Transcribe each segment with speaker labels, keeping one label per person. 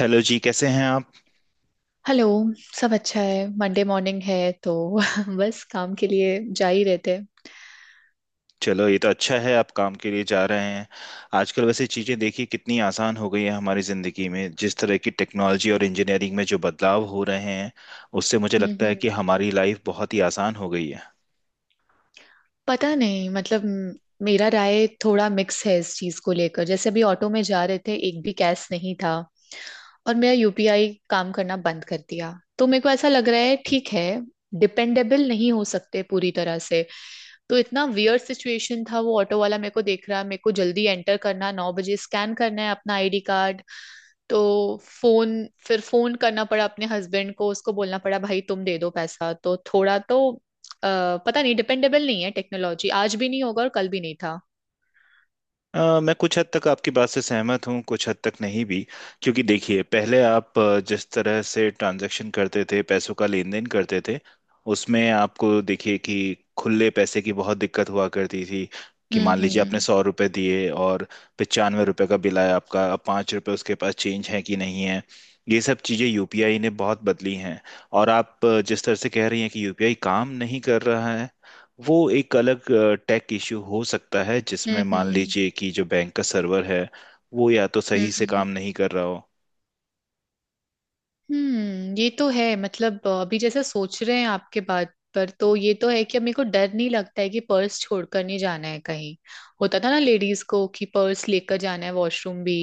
Speaker 1: Hello जी, कैसे हैं आप।
Speaker 2: हेलो। सब अच्छा है। मंडे मॉर्निंग है तो बस काम के लिए जा ही रहते हैं।
Speaker 1: चलो, ये तो अच्छा है आप काम के लिए जा रहे हैं। आजकल वैसे चीज़ें देखिए कितनी आसान हो गई है हमारी ज़िंदगी में। जिस तरह की टेक्नोलॉजी और इंजीनियरिंग में जो बदलाव हो रहे हैं, उससे मुझे
Speaker 2: हम्म
Speaker 1: लगता है कि
Speaker 2: हम्म।
Speaker 1: हमारी लाइफ बहुत ही आसान हो गई है।
Speaker 2: पता नहीं मतलब मेरा राय थोड़ा मिक्स है इस चीज को लेकर। जैसे अभी ऑटो में जा रहे थे एक भी कैश नहीं था और मेरा यूपीआई काम करना बंद कर दिया। तो मेरे को ऐसा लग रहा है ठीक है डिपेंडेबल नहीं हो सकते पूरी तरह से। तो इतना वियर्ड सिचुएशन था। वो ऑटो वाला मेरे को देख रहा है मेरे को जल्दी एंटर करना 9 बजे स्कैन करना है अपना आईडी कार्ड। तो फोन फिर फोन करना पड़ा अपने हस्बैंड को, उसको बोलना पड़ा भाई तुम दे दो पैसा। तो थोड़ा तो पता नहीं डिपेंडेबल नहीं है टेक्नोलॉजी, आज भी नहीं होगा और कल भी नहीं था।
Speaker 1: मैं कुछ हद तक आपकी बात से सहमत हूँ, कुछ हद तक नहीं भी। क्योंकि देखिए, पहले आप जिस तरह से ट्रांजैक्शन करते थे, पैसों का लेन देन करते थे, उसमें आपको देखिए कि खुले पैसे की बहुत दिक्कत हुआ करती थी। कि
Speaker 2: हम्म
Speaker 1: मान लीजिए आपने
Speaker 2: हम्म
Speaker 1: 100 रुपये दिए और 95 रुपये का बिल आया आपका, अब 5 रुपये उसके पास चेंज है कि नहीं है। ये सब चीज़ें यूपीआई ने बहुत बदली हैं। और आप जिस तरह से कह रही हैं कि यूपीआई काम नहीं कर रहा है, वो एक अलग टेक इश्यू हो सकता है, जिसमें
Speaker 2: हम्म
Speaker 1: मान
Speaker 2: हम्म
Speaker 1: लीजिए कि जो बैंक का सर्वर है वो या तो
Speaker 2: हम्म,
Speaker 1: सही से काम
Speaker 2: हम्म।
Speaker 1: नहीं कर रहा हो।
Speaker 2: ये तो है। मतलब अभी जैसे सोच रहे हैं आपके बात पर तो ये तो है कि अब मेरे को डर नहीं लगता है कि पर्स छोड़कर नहीं जाना है कहीं। होता था ना लेडीज को कि पर्स लेकर जाना है वॉशरूम भी,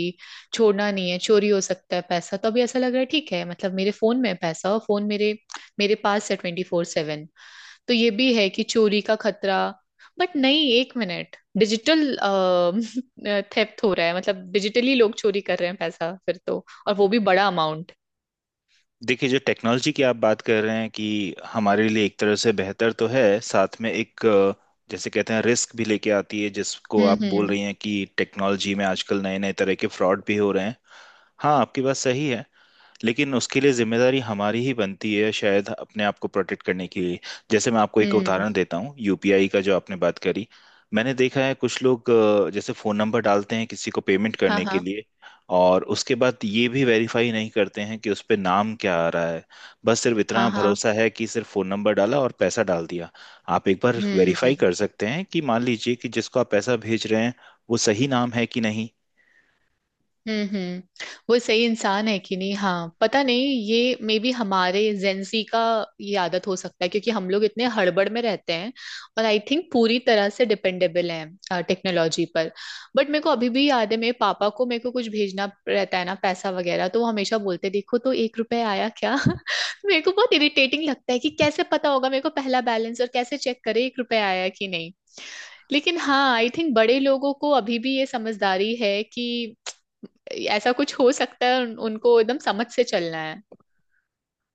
Speaker 2: छोड़ना नहीं है चोरी हो सकता है पैसा। तो अभी ऐसा लग रहा है ठीक है मतलब मेरे फोन में है पैसा और फोन मेरे मेरे पास है 24/7। तो ये भी है कि चोरी का खतरा, बट नहीं एक मिनट डिजिटल थेफ्ट हो रहा है मतलब डिजिटली लोग चोरी कर रहे हैं पैसा फिर तो, और वो भी बड़ा अमाउंट।
Speaker 1: देखिए, जो टेक्नोलॉजी की आप बात कर रहे हैं कि हमारे लिए एक तरह से बेहतर तो है, साथ में एक जैसे कहते हैं, रिस्क भी लेके आती है, जिसको
Speaker 2: हम्म
Speaker 1: आप बोल
Speaker 2: हम्म
Speaker 1: रही हैं कि टेक्नोलॉजी में आजकल नए नए तरह के फ्रॉड भी हो रहे हैं। हाँ, आपकी बात सही है, लेकिन उसके लिए जिम्मेदारी हमारी ही बनती है शायद, अपने आप को प्रोटेक्ट करने के लिए। जैसे मैं आपको एक
Speaker 2: हम्म।
Speaker 1: उदाहरण देता हूँ यूपीआई का, जो आपने बात करी। मैंने देखा है कुछ लोग जैसे फोन नंबर डालते हैं किसी को पेमेंट
Speaker 2: हाँ
Speaker 1: करने के
Speaker 2: हाँ।
Speaker 1: लिए, और उसके बाद ये भी वेरीफाई नहीं करते हैं कि उस पे नाम क्या आ रहा है। बस सिर्फ
Speaker 2: हाँ
Speaker 1: इतना
Speaker 2: हाँ।
Speaker 1: भरोसा है कि सिर्फ फोन नंबर डाला और पैसा डाल दिया। आप एक बार
Speaker 2: हम्म
Speaker 1: वेरीफाई कर सकते हैं कि मान लीजिए कि जिसको आप पैसा भेज रहे हैं, वो सही नाम है कि नहीं।
Speaker 2: हम्म। वो सही इंसान है कि नहीं। हाँ पता नहीं ये मे बी हमारे जेंसी का ये आदत हो सकता है क्योंकि हम लोग इतने हड़बड़ में रहते हैं और आई थिंक पूरी तरह से डिपेंडेबल हैं टेक्नोलॉजी पर। बट मेरे को अभी भी याद है मेरे पापा को मेरे को कुछ भेजना रहता है ना पैसा वगैरह, तो वो हमेशा बोलते देखो तो 1 रुपया आया क्या। मेरे को बहुत इरिटेटिंग लगता है कि कैसे पता होगा मेरे को पहला बैलेंस और कैसे चेक करे 1 रुपया आया कि नहीं। लेकिन हाँ आई थिंक बड़े लोगों को अभी भी ये समझदारी है कि ऐसा कुछ हो सकता है, उनको एकदम समझ से चलना है।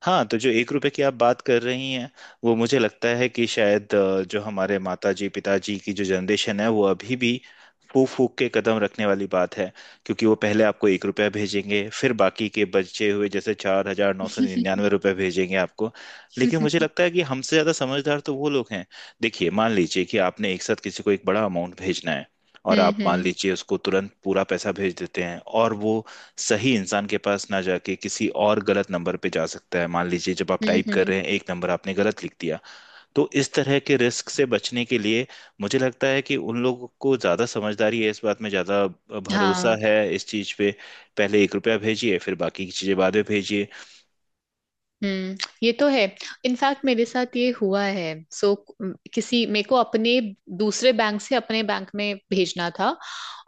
Speaker 1: हाँ, तो जो 1 रुपए की आप बात कर रही हैं, वो मुझे लगता है कि शायद जो हमारे माता जी पिताजी की जो जनरेशन है, वो अभी भी फूक फूक के कदम रखने वाली बात है। क्योंकि वो पहले आपको 1 रुपया भेजेंगे, फिर बाकी के बचे हुए जैसे 4,999 रुपये भेजेंगे आपको। लेकिन मुझे लगता है कि हमसे ज़्यादा समझदार तो वो लोग हैं। देखिए, मान लीजिए कि आपने एक साथ किसी को एक बड़ा अमाउंट भेजना है, और
Speaker 2: हम्म
Speaker 1: आप मान
Speaker 2: हम्म
Speaker 1: लीजिए उसको तुरंत पूरा पैसा भेज देते हैं, और वो सही इंसान के पास ना जाके किसी और गलत नंबर पे जा सकता है। मान लीजिए जब आप टाइप कर
Speaker 2: हम्म।
Speaker 1: रहे हैं, एक नंबर आपने गलत लिख दिया। तो इस तरह के रिस्क से बचने के लिए मुझे लगता है कि उन लोगों को ज़्यादा समझदारी है, इस बात में ज़्यादा भरोसा
Speaker 2: हाँ।
Speaker 1: है इस चीज़ पे। पहले 1 रुपया भेजिए, फिर बाकी की चीज़ें बाद में भेजिए।
Speaker 2: हम्म ये तो है। इनफैक्ट मेरे साथ ये हुआ है। सो किसी मेरे को अपने दूसरे बैंक से अपने बैंक में भेजना था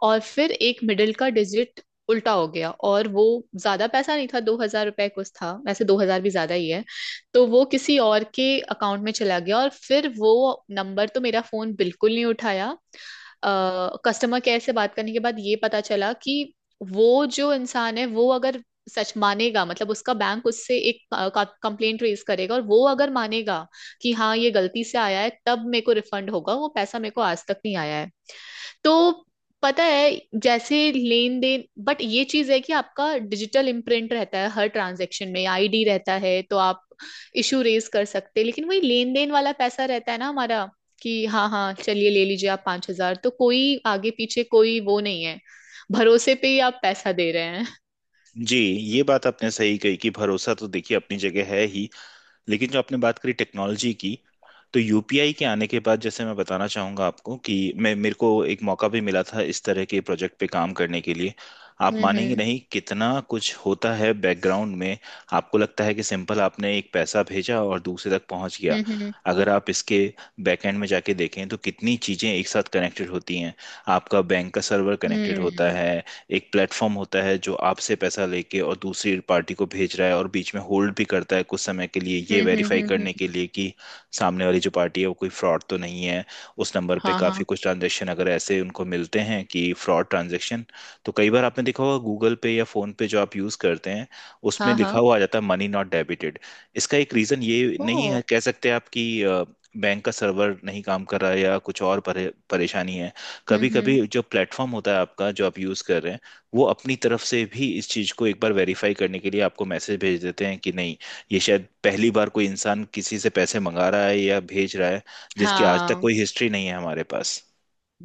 Speaker 2: और फिर एक मिडिल का डिजिट उल्टा हो गया, और वो ज्यादा पैसा नहीं था, 2,000 रुपए कुछ था। वैसे 2,000 भी ज्यादा ही है। तो वो किसी और के अकाउंट में चला गया और फिर वो नंबर तो मेरा फोन बिल्कुल नहीं उठाया। कस्टमर केयर से बात करने के बाद ये पता चला कि वो जो इंसान है वो अगर सच मानेगा मतलब उसका बैंक उससे एक कंप्लेंट रेज करेगा, और वो अगर मानेगा कि हाँ ये गलती से आया है तब मेरे को रिफंड होगा। वो पैसा मेरे को आज तक नहीं आया है। तो पता है जैसे लेन देन, बट ये चीज है कि आपका डिजिटल इम्प्रिंट रहता है, हर ट्रांजेक्शन में आईडी रहता है तो आप इशू रेज कर सकते हैं। लेकिन वही लेन देन वाला पैसा रहता है ना हमारा, कि हाँ हाँ चलिए ले लीजिए आप 5,000, तो कोई आगे पीछे कोई वो नहीं है, भरोसे पे ही आप पैसा दे रहे हैं।
Speaker 1: जी, ये बात आपने सही कही कि भरोसा तो देखिए अपनी जगह है ही, लेकिन जो आपने बात करी टेक्नोलॉजी की, तो यूपीआई के आने के बाद, जैसे मैं बताना चाहूँगा आपको कि मैं मेरे को एक मौका भी मिला था इस तरह के प्रोजेक्ट पे काम करने के लिए। आप
Speaker 2: हम्म
Speaker 1: मानेंगे
Speaker 2: हम्म
Speaker 1: नहीं कितना कुछ होता है बैकग्राउंड में। आपको लगता है कि सिंपल आपने एक पैसा भेजा और दूसरे तक पहुंच गया।
Speaker 2: हम्म
Speaker 1: अगर आप इसके बैकएंड में जाके देखें, तो कितनी चीज़ें एक साथ कनेक्टेड होती हैं। आपका बैंक का सर्वर कनेक्टेड होता
Speaker 2: हम्म
Speaker 1: है, एक प्लेटफॉर्म होता है जो आपसे पैसा लेके और दूसरी पार्टी को भेज रहा है, और बीच में होल्ड भी करता है कुछ समय के लिए, ये
Speaker 2: हम्म हम्म
Speaker 1: वेरीफाई
Speaker 2: हम्म
Speaker 1: करने
Speaker 2: हम्म।
Speaker 1: के लिए कि सामने वाली जो पार्टी है वो कोई फ्रॉड तो नहीं है। उस नंबर पे
Speaker 2: हाँ
Speaker 1: काफ़ी
Speaker 2: हाँ।
Speaker 1: कुछ ट्रांजेक्शन अगर ऐसे उनको मिलते हैं कि फ्रॉड ट्रांजेक्शन, तो कई बार आपने देखा होगा गूगल पे या फोन पे जो आप यूज़ करते हैं, उसमें
Speaker 2: हाँ
Speaker 1: लिखा
Speaker 2: हाँ।
Speaker 1: हुआ आ जाता है मनी नॉट डेबिटेड। इसका एक रीज़न ये
Speaker 2: ओ।
Speaker 1: नहीं है, कह सकते आप कि बैंक का सर्वर नहीं काम कर रहा है या कुछ और परेशानी है। कभी
Speaker 2: हम्म।
Speaker 1: कभी जो प्लेटफॉर्म होता है आपका, जो आप यूज़ कर रहे हैं, वो अपनी तरफ से भी इस चीज को एक बार वेरीफाई करने के लिए आपको मैसेज भेज देते हैं कि नहीं, ये शायद पहली बार कोई इंसान किसी से पैसे मंगा रहा है या भेज रहा है, जिसकी आज तक
Speaker 2: हाँ।
Speaker 1: कोई हिस्ट्री नहीं है हमारे पास।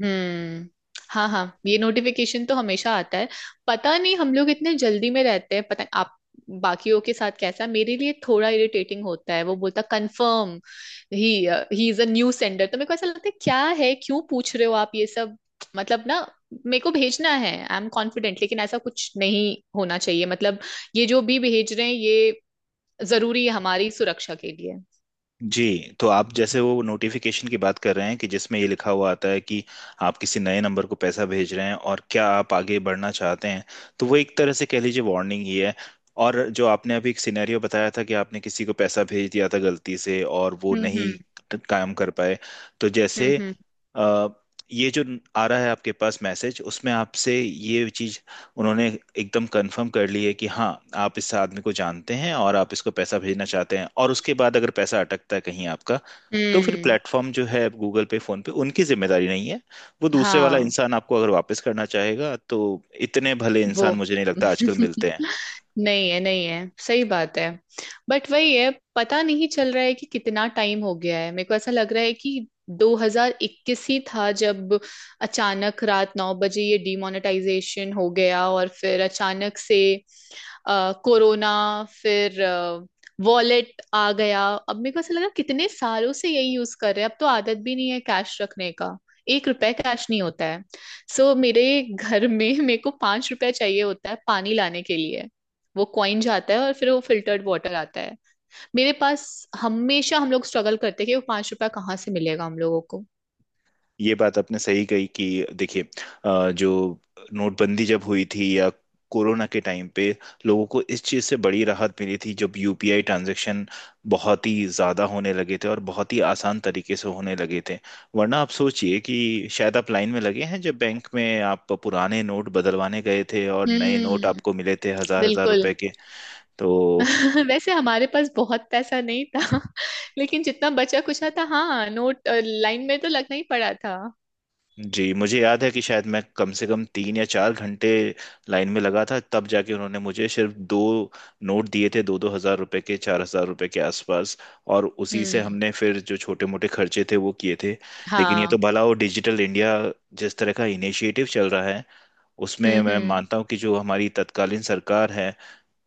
Speaker 2: हम्म। हाँ हाँ ये नोटिफिकेशन तो हमेशा आता है। पता नहीं हम लोग इतने जल्दी में रहते हैं, पता नहीं आप बाकियों के साथ कैसा। मेरे लिए थोड़ा इरिटेटिंग होता है, वो बोलता कंफर्म ही ही इज अ न्यू सेंडर। तो मेरे को ऐसा लगता है क्या है क्यों पूछ रहे हो आप ये सब। मतलब ना, मेरे को भेजना है आई एम कॉन्फिडेंट। लेकिन ऐसा कुछ नहीं होना चाहिए मतलब ये जो भी भेज रहे हैं ये जरूरी है हमारी सुरक्षा के लिए।
Speaker 1: जी, तो आप जैसे वो नोटिफिकेशन की बात कर रहे हैं, कि जिसमें ये लिखा हुआ आता है कि आप किसी नए नंबर को पैसा भेज रहे हैं और क्या आप आगे बढ़ना चाहते हैं, तो वो एक तरह से कह लीजिए वार्निंग ही है। और जो आपने अभी एक सिनेरियो बताया था कि आपने किसी को पैसा भेज दिया था गलती से और वो
Speaker 2: हम्म
Speaker 1: नहीं
Speaker 2: हम्म
Speaker 1: काम कर पाए, तो जैसे
Speaker 2: हम्म
Speaker 1: अ, ये जो आ रहा है आपके पास मैसेज, उसमें आपसे ये चीज उन्होंने एकदम कंफर्म कर ली है कि हाँ, आप इस आदमी को जानते हैं और आप इसको पैसा भेजना चाहते हैं, और उसके बाद अगर पैसा अटकता है कहीं आपका, तो
Speaker 2: हम्म
Speaker 1: फिर
Speaker 2: हम्म,
Speaker 1: प्लेटफॉर्म जो है गूगल पे फोन पे, उनकी जिम्मेदारी नहीं है। वो दूसरे वाला
Speaker 2: हाँ।
Speaker 1: इंसान आपको अगर वापस करना चाहेगा तो, इतने भले इंसान
Speaker 2: वो
Speaker 1: मुझे नहीं लगता आजकल मिलते हैं।
Speaker 2: नहीं है, नहीं है, सही बात है। बट वही है, पता नहीं चल रहा है कि कितना टाइम हो गया है। मेरे को ऐसा लग रहा है कि 2021 ही था जब अचानक रात 9 बजे ये डिमोनेटाइजेशन हो गया, और फिर अचानक से कोरोना, फिर वॉलेट आ गया। अब मेरे को ऐसा लगा कितने सालों से यही यूज कर रहे हैं, अब तो आदत भी नहीं है कैश रखने का। 1 रुपए कैश नहीं होता है। मेरे घर में मेरे को 5 रुपए चाहिए होता है पानी लाने के लिए। वो कॉइन जाता है और फिर वो फिल्टर्ड वाटर आता है। मेरे पास हमेशा हम लोग स्ट्रगल करते हैं कि वो 5 रुपया कहाँ से मिलेगा हम लोगों को।
Speaker 1: ये बात आपने सही कही कि देखिए, जो नोटबंदी जब हुई थी या कोरोना के टाइम पे, लोगों को इस चीज़ से बड़ी राहत मिली थी जब यूपीआई ट्रांजैक्शन बहुत ही ज़्यादा होने लगे थे और बहुत ही आसान तरीके से होने लगे थे। वरना आप सोचिए कि शायद आप लाइन में लगे हैं जब बैंक में आप पुराने नोट बदलवाने गए थे और नए नोट
Speaker 2: हम्म।
Speaker 1: आपको मिले थे हज़ार हज़ार
Speaker 2: बिल्कुल।
Speaker 1: रुपए के। तो
Speaker 2: वैसे हमारे पास बहुत पैसा नहीं था। लेकिन जितना बचा कुचा था, हाँ नोट, लाइन में तो लगना ही पड़ा था।
Speaker 1: जी, मुझे याद है कि शायद मैं कम से कम 3 या 4 घंटे लाइन में लगा था, तब जाके उन्होंने मुझे सिर्फ दो नोट दिए थे, 2-2 हजार रुपए के, 4,000 रुपए के आसपास। और उसी से
Speaker 2: हम्म।
Speaker 1: हमने फिर जो छोटे मोटे खर्चे थे वो किए थे। लेकिन ये तो
Speaker 2: हाँ।
Speaker 1: भला वो डिजिटल इंडिया, जिस तरह का इनिशिएटिव चल रहा है, उसमें मैं
Speaker 2: हम्म।
Speaker 1: मानता हूँ कि जो हमारी तत्कालीन सरकार है,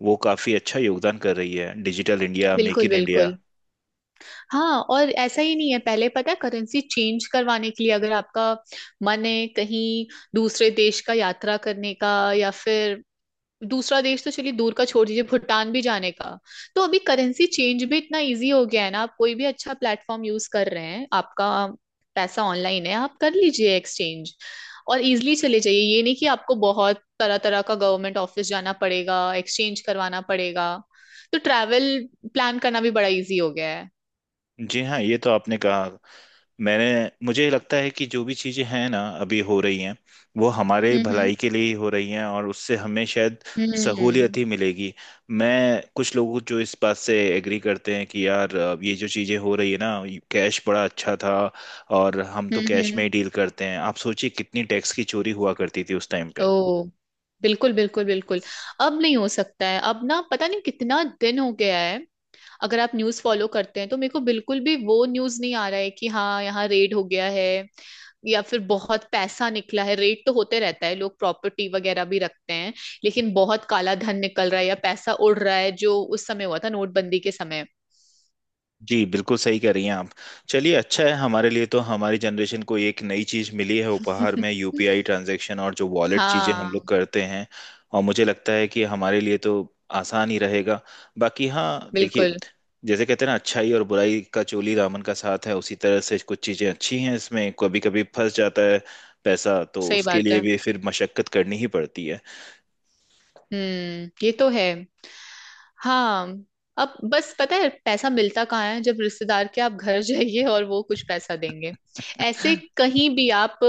Speaker 1: वो काफी अच्छा योगदान कर रही है, डिजिटल इंडिया, मेक
Speaker 2: बिल्कुल
Speaker 1: इन इंडिया।
Speaker 2: बिल्कुल। हाँ और ऐसा ही नहीं है, पहले पता है करेंसी चेंज करवाने के लिए अगर आपका मन है कहीं दूसरे देश का यात्रा करने का, या फिर दूसरा देश तो चलिए दूर का छोड़ दीजिए, भूटान भी जाने का। तो अभी करेंसी चेंज भी इतना इजी हो गया है ना, आप कोई भी अच्छा प्लेटफॉर्म यूज कर रहे हैं, आपका पैसा ऑनलाइन है आप कर लीजिए एक्सचेंज और इजिली चले जाइए। ये नहीं कि आपको बहुत तरह तरह का गवर्नमेंट ऑफिस जाना पड़ेगा एक्सचेंज करवाना पड़ेगा। तो ट्रैवल प्लान करना भी बड़ा इजी हो गया है।
Speaker 1: जी हाँ, ये तो आपने कहा। मैंने मुझे लगता है कि जो भी चीजें हैं ना अभी हो रही हैं, वो हमारे
Speaker 2: हम्म
Speaker 1: भलाई के लिए ही हो रही हैं और उससे हमें शायद सहूलियत
Speaker 2: हम्म
Speaker 1: ही मिलेगी। मैं कुछ लोगों जो इस बात से एग्री करते हैं कि यार अब ये जो चीजें हो रही है ना, कैश बड़ा अच्छा था और हम तो कैश में
Speaker 2: हम्म।
Speaker 1: ही डील करते हैं, आप सोचिए कितनी टैक्स की चोरी हुआ करती थी उस टाइम
Speaker 2: ओ
Speaker 1: पे।
Speaker 2: बिल्कुल बिल्कुल बिल्कुल। अब नहीं हो सकता है, अब ना पता नहीं कितना दिन हो गया है। अगर आप न्यूज़ फॉलो करते हैं तो मेरे को बिल्कुल भी वो न्यूज़ नहीं आ रहा है कि हाँ यहाँ रेड हो गया है या फिर बहुत पैसा निकला है। रेड तो होते रहता है, लोग प्रॉपर्टी वगैरह भी रखते हैं, लेकिन बहुत काला धन निकल रहा है या पैसा उड़ रहा है जो उस समय हुआ था नोटबंदी के समय।
Speaker 1: जी, बिल्कुल सही कह रही हैं आप। चलिए, अच्छा है हमारे लिए तो, हमारी जनरेशन को एक नई चीज़ मिली है उपहार में, यूपीआई ट्रांजैक्शन और जो वॉलेट चीज़ें हम लोग
Speaker 2: हाँ
Speaker 1: करते हैं। और मुझे लगता है कि हमारे लिए तो आसान ही रहेगा। बाकी हाँ, देखिए,
Speaker 2: बिल्कुल
Speaker 1: जैसे कहते हैं ना अच्छाई और बुराई का चोली दामन का साथ है, उसी तरह से कुछ चीज़ें अच्छी हैं, इसमें कभी कभी फंस जाता है पैसा, तो
Speaker 2: सही
Speaker 1: उसके
Speaker 2: बात
Speaker 1: लिए
Speaker 2: है।
Speaker 1: भी फिर मशक्कत करनी ही पड़ती है।
Speaker 2: ये तो है। हाँ अब बस पता है पैसा मिलता कहाँ है, जब रिश्तेदार के आप घर जाइए और वो कुछ पैसा देंगे। ऐसे कहीं भी आप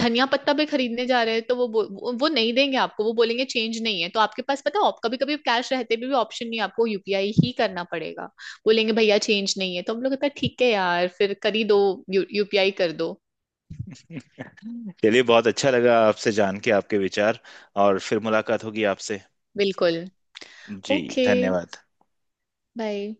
Speaker 2: धनिया पत्ता भी खरीदने जा रहे हैं तो वो नहीं देंगे आपको, वो बोलेंगे चेंज नहीं है। तो आपके पास पता है कभी कभी कैश रहते भी ऑप्शन नहीं है, आपको यूपीआई ही करना पड़ेगा। बोलेंगे भैया चेंज नहीं है तो हम लोग कहते हैं, ठीक है यार फिर कर ही दो। यूपीआई कर दो।
Speaker 1: चलिए, बहुत अच्छा लगा आपसे जान के आपके विचार, और फिर मुलाकात होगी आपसे।
Speaker 2: बिल्कुल।
Speaker 1: जी,
Speaker 2: ओके।
Speaker 1: धन्यवाद।
Speaker 2: बाय।